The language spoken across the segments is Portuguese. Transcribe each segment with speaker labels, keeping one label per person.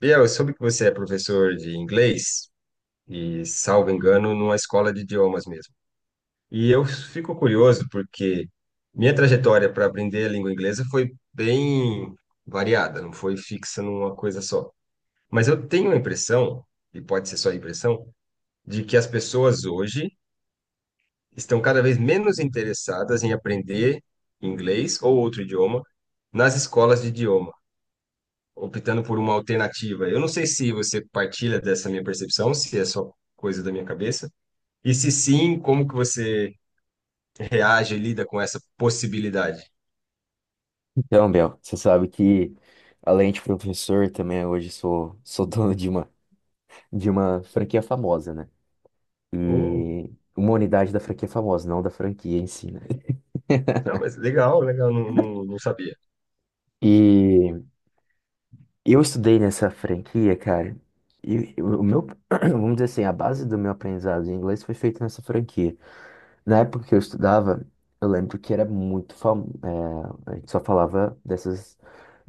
Speaker 1: Biel, eu soube que você é professor de inglês e, salvo engano, numa escola de idiomas mesmo. E eu fico curioso porque minha trajetória para aprender a língua inglesa foi bem variada, não foi fixa numa coisa só. Mas eu tenho a impressão, e pode ser só a impressão, de que as pessoas hoje estão cada vez menos interessadas em aprender inglês ou outro idioma nas escolas de idioma, optando por uma alternativa. Eu não sei se você partilha dessa minha percepção, se é só coisa da minha cabeça, e se sim, como que você reage e lida com essa possibilidade?
Speaker 2: Então, Bel, você sabe que além de professor, também hoje sou dono de uma franquia famosa, né?
Speaker 1: Oh,
Speaker 2: E uma unidade da franquia famosa, não da franquia em si, né?
Speaker 1: não, mas legal, legal, não, não, não sabia.
Speaker 2: E eu estudei nessa franquia, cara. E o meu, vamos dizer assim, a base do meu aprendizado em inglês foi feita nessa franquia. Na época que eu estudava, eu lembro que era muito é, a gente só falava dessas,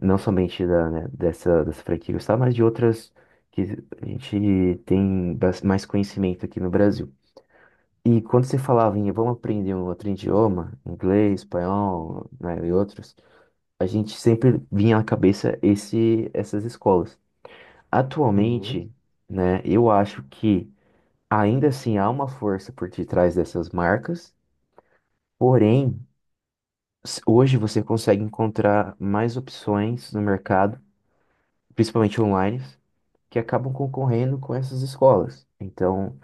Speaker 2: não somente da, né, dessa franquia que eu estava, mas de outras que a gente tem mais conhecimento aqui no Brasil. E quando você falava em vamos aprender um outro idioma, inglês, espanhol, né, e outros, a gente sempre vinha à cabeça essas escolas.
Speaker 1: Uhum.
Speaker 2: Atualmente, né, eu acho que ainda assim há uma força por detrás dessas marcas, porém hoje você consegue encontrar mais opções no mercado, principalmente online, que acabam concorrendo com essas escolas. Então,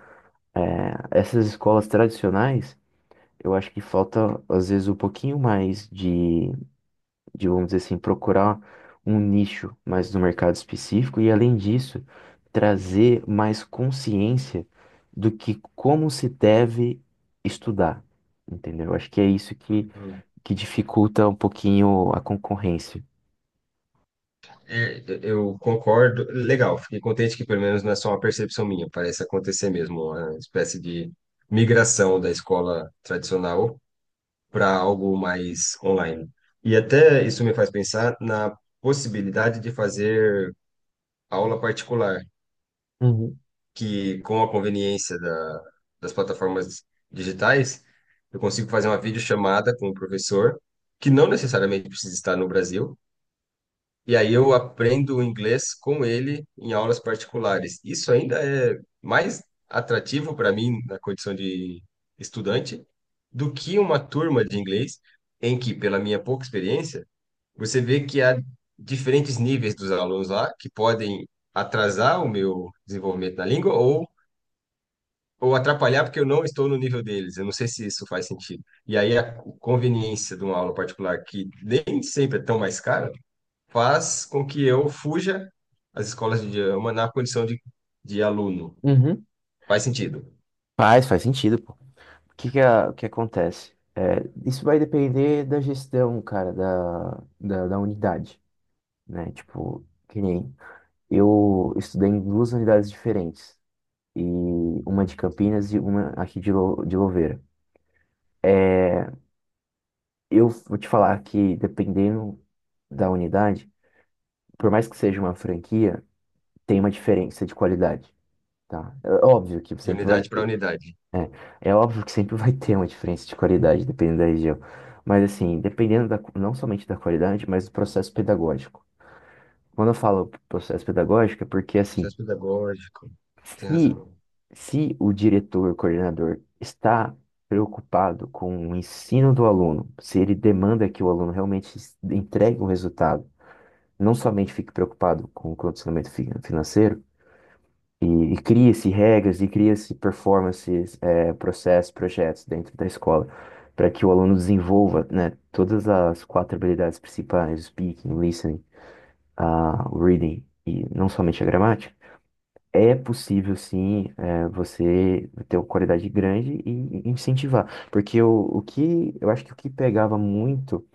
Speaker 2: é, essas escolas tradicionais, eu acho que falta, às vezes, um pouquinho mais de, vamos dizer assim, procurar um nicho mais no mercado específico e, além disso, trazer mais consciência do que como se deve estudar, entendeu? Eu acho que é isso que,
Speaker 1: Uhum.
Speaker 2: que dificulta um pouquinho a concorrência.
Speaker 1: É, eu concordo, legal, fiquei contente que pelo menos não é só uma percepção minha, parece acontecer mesmo, uma espécie de migração da escola tradicional para algo mais online. E até isso me faz pensar na possibilidade de fazer aula particular,
Speaker 2: Uhum.
Speaker 1: que com a conveniência das plataformas digitais, eu consigo fazer uma videochamada com o professor, que não necessariamente precisa estar no Brasil, e aí eu aprendo o inglês com ele em aulas particulares. Isso ainda é mais atrativo para mim na condição de estudante do que uma turma de inglês em que, pela minha pouca experiência, você vê que há diferentes níveis dos alunos lá que podem atrasar o meu desenvolvimento na língua ou atrapalhar porque eu não estou no nível deles. Eu não sei se isso faz sentido. E aí a conveniência de uma aula particular que nem sempre é tão mais cara faz com que eu fuja às escolas de idioma na condição de aluno.
Speaker 2: Uhum.
Speaker 1: Faz sentido.
Speaker 2: Faz, faz sentido, pô. O que que, o que acontece? É, isso vai depender da gestão, cara, da unidade, né? Tipo, que nem eu estudei em duas unidades diferentes, e uma de Campinas e uma aqui de Louveira. Eu vou te falar que, dependendo da unidade, por mais que seja uma franquia, tem uma diferença de qualidade, tá? É óbvio que
Speaker 1: De
Speaker 2: sempre vai
Speaker 1: unidade para
Speaker 2: ter.
Speaker 1: unidade.
Speaker 2: É, é óbvio que sempre vai ter uma diferença de qualidade, dependendo da região. Mas, assim, dependendo da, não somente da qualidade, mas do processo pedagógico. Quando eu falo processo pedagógico, é porque, assim,
Speaker 1: Processo pedagógico. Tem
Speaker 2: se,
Speaker 1: razão.
Speaker 2: se o diretor, o coordenador, está preocupado com o ensino do aluno, se ele demanda que o aluno realmente entregue um resultado, não somente fique preocupado com o condicionamento financeiro, E, e cria-se regras e cria-se performances, processos, projetos dentro da escola, para que o aluno desenvolva, né, todas as quatro habilidades principais, o speaking, o listening, o reading e não somente a gramática, é possível sim, você ter uma qualidade grande e incentivar. Porque o que, eu acho que o que pegava muito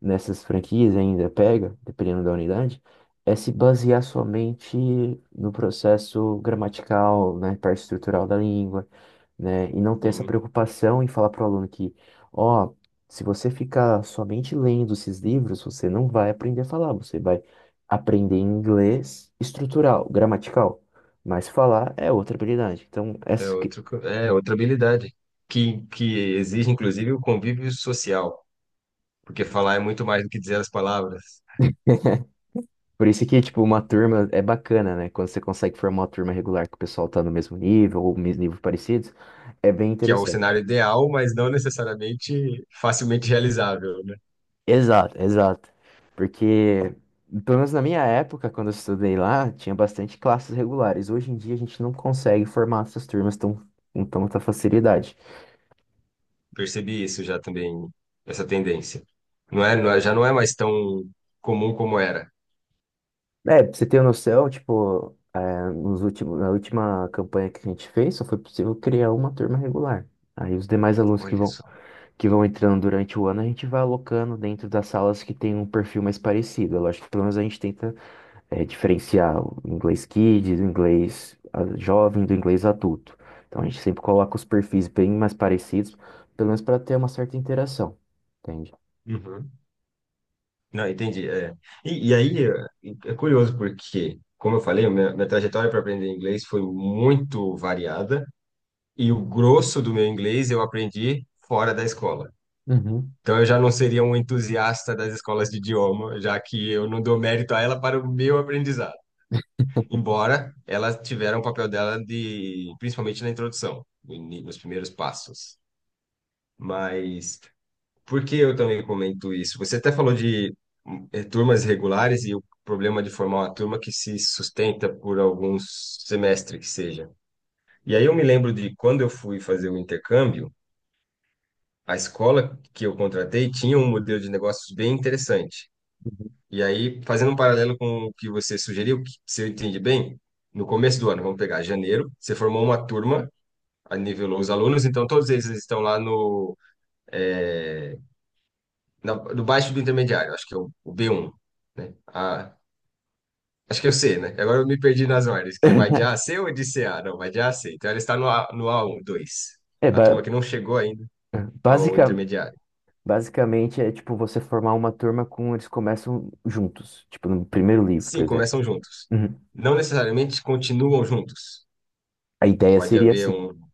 Speaker 2: nessas franquias ainda pega, dependendo da unidade, é se basear somente no processo gramatical, na parte estrutural da língua, né? E não ter essa preocupação em falar para o aluno que, ó, se você ficar somente lendo esses livros, você não vai aprender a falar, você vai aprender inglês estrutural, gramatical, mas falar é outra habilidade. Então,
Speaker 1: É
Speaker 2: essa que
Speaker 1: outro, co- é outra habilidade que exige, inclusive, o convívio social, porque falar é muito mais do que dizer as palavras,
Speaker 2: por isso que, tipo, uma turma é bacana, né? Quando você consegue formar uma turma regular que o pessoal tá no mesmo nível ou mesmo nível parecidos, é bem
Speaker 1: que é o
Speaker 2: interessante.
Speaker 1: cenário ideal, mas não necessariamente facilmente realizável, né?
Speaker 2: Exato, exato. Porque, pelo menos na minha época, quando eu estudei lá, tinha bastante classes regulares. Hoje em dia a gente não consegue formar essas turmas tão, com tanta facilidade.
Speaker 1: Percebi isso já também, essa tendência. Já não é mais tão comum como era.
Speaker 2: É, pra você ter noção, tipo, na última campanha que a gente fez, só foi possível criar uma turma regular. Aí os demais alunos que
Speaker 1: Olha
Speaker 2: vão
Speaker 1: só.
Speaker 2: que vão entrando durante o ano, a gente vai alocando dentro das salas que tem um perfil mais parecido. Eu acho que pelo menos a gente tenta diferenciar o inglês kids, o inglês jovem do inglês adulto. Então a gente sempre coloca os perfis bem mais parecidos, pelo menos para ter uma certa interação, entende?
Speaker 1: Uhum. Não, entendi. É. E aí, é curioso porque, como eu falei, minha trajetória para aprender inglês foi muito variada. E o grosso do meu inglês eu aprendi fora da escola.
Speaker 2: Uhum,
Speaker 1: Então eu já não seria um entusiasta das escolas de idioma, já que eu não dou mérito a ela para o meu aprendizado. Embora elas tiveram o papel dela de, principalmente na introdução, no ini- nos primeiros passos. Mas por que eu também comento isso? Você até falou de turmas regulares e o problema de formar uma turma que se sustenta por alguns semestres que seja. E aí eu me lembro de quando eu fui fazer o intercâmbio, a escola que eu contratei tinha um modelo de negócios bem interessante.
Speaker 2: uhum.
Speaker 1: E aí, fazendo um paralelo com o que você sugeriu, que, se eu entendi bem, no começo do ano, vamos pegar janeiro, você formou uma turma, aí nivelou os alunos, então todos eles estão lá é, no baixo do intermediário, acho que é o B1. Né? Acho que é o C, né? Agora eu me perdi nas ordens, que é vai de A a C ou de C a? Não, vai de A a C. Então ela está no A1, 2,
Speaker 2: É,
Speaker 1: a turma que não chegou ainda ao
Speaker 2: basica-
Speaker 1: intermediário.
Speaker 2: basicamente é tipo você formar uma turma com eles começam juntos, tipo no primeiro livro, por
Speaker 1: Sim,
Speaker 2: exemplo.
Speaker 1: começam juntos.
Speaker 2: Uhum.
Speaker 1: Não necessariamente continuam juntos.
Speaker 2: A ideia
Speaker 1: Pode
Speaker 2: seria
Speaker 1: haver
Speaker 2: assim,
Speaker 1: um.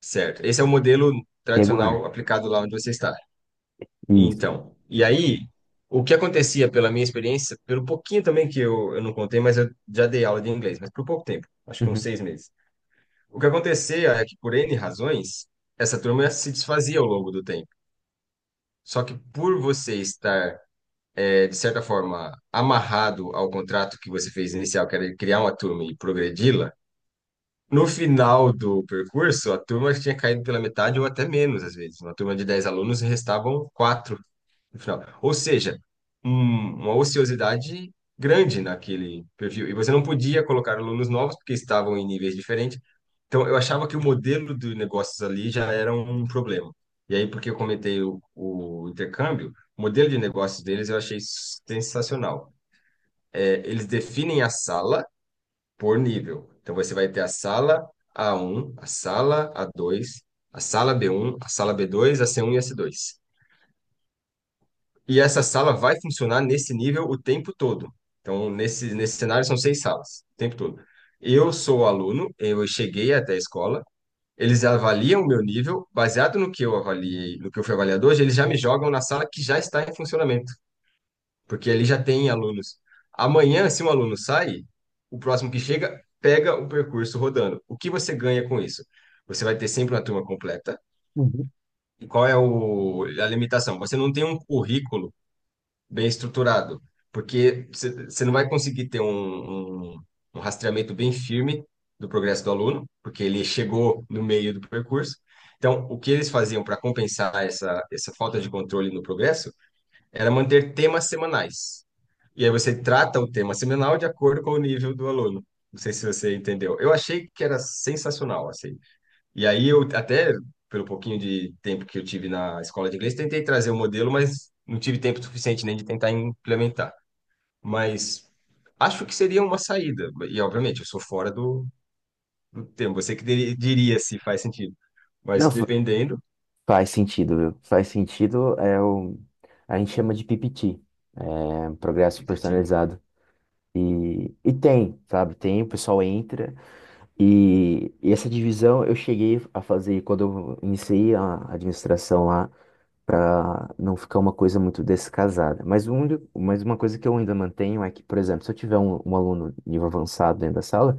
Speaker 1: Certo. Esse é o modelo
Speaker 2: regular.
Speaker 1: tradicional aplicado lá onde você está.
Speaker 2: Isso.
Speaker 1: Então, e aí, o que acontecia pela minha experiência, pelo pouquinho também que eu não contei, mas eu já dei aula de inglês, mas por pouco tempo, acho que uns
Speaker 2: Uhum.
Speaker 1: 6 meses. O que acontecia é que, por N razões, essa turma se desfazia ao longo do tempo. Só que por você estar, de certa forma, amarrado ao contrato que você fez inicial, que era criar uma turma e progredi-la, no final do percurso, a turma tinha caído pela metade ou até menos, às vezes. Uma turma de 10 alunos e restavam quatro no final. Ou seja, uma ociosidade grande naquele perfil. E você não podia colocar alunos novos porque estavam em níveis diferentes. Então, eu achava que o modelo de negócios ali já era um problema. E aí, porque eu comentei o intercâmbio, o modelo de negócios deles eu achei sensacional. É, eles definem a sala por nível. Então você vai ter a sala A1, a sala A2, a sala B1, a sala B2, a C1 e a C2. E essa sala vai funcionar nesse nível o tempo todo. Então, nesse cenário, são seis salas, o tempo todo. Eu sou aluno, eu cheguei até a escola, eles avaliam o meu nível, baseado no que eu avaliei, no que eu fui avaliado hoje, eles já me jogam na sala que já está em funcionamento porque ali já tem alunos. Amanhã, se um aluno sai, o próximo que chega pega o percurso rodando. O que você ganha com isso? Você vai ter sempre uma turma completa. E qual é a limitação? Você não tem um currículo bem estruturado, porque você não vai conseguir ter um rastreamento bem firme do progresso do aluno, porque ele chegou no meio do percurso. Então, o que eles faziam para compensar essa falta de controle no progresso era manter temas semanais. E aí você trata o tema seminal de acordo com o nível do aluno. Não sei se você entendeu. Eu achei que era sensacional, assim. E aí eu até, pelo pouquinho de tempo que eu tive na escola de inglês, tentei trazer o modelo, mas não tive tempo suficiente nem de tentar implementar. Mas acho que seria uma saída. E, obviamente, eu sou fora do tema. Você que diria se faz sentido. Mas
Speaker 2: Não,
Speaker 1: dependendo...
Speaker 2: faz sentido, viu? Faz sentido, a gente chama de PPT, é um progresso
Speaker 1: PPT.
Speaker 2: personalizado. E tem, sabe? Tem, o pessoal entra. E essa divisão eu cheguei a fazer quando eu iniciei a administração lá, para não ficar uma coisa muito descasada. Mas, uma coisa que eu ainda mantenho é que, por exemplo, se eu tiver um, aluno nível avançado dentro da sala,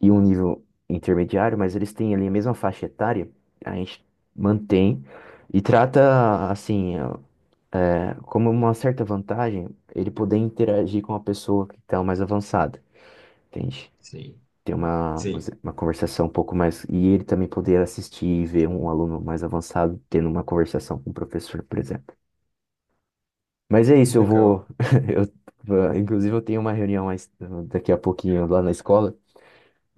Speaker 2: e um nível intermediário, mas eles têm ali a mesma faixa etária, a gente mantém e trata assim, como uma certa vantagem ele poder interagir com a pessoa que está mais avançada, entende?
Speaker 1: Sim.
Speaker 2: Ter uma,
Speaker 1: Sim.
Speaker 2: uma conversação um pouco mais. E ele também poder assistir e ver um aluno mais avançado tendo uma conversação com o professor, por exemplo. Mas é isso, eu vou.
Speaker 1: Legal.
Speaker 2: Eu, inclusive, eu tenho uma reunião daqui a pouquinho lá na escola.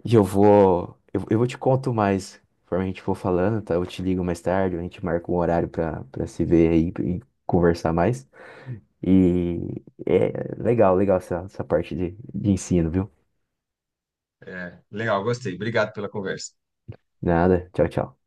Speaker 2: E eu vou. Eu vou te conto mais. Conforme a gente for falando, tá? Eu te ligo mais tarde, a gente marca um horário pra se ver aí e conversar mais. E é legal, legal essa parte de ensino, viu?
Speaker 1: É, legal, gostei. Obrigado pela conversa.
Speaker 2: Nada. Tchau, tchau.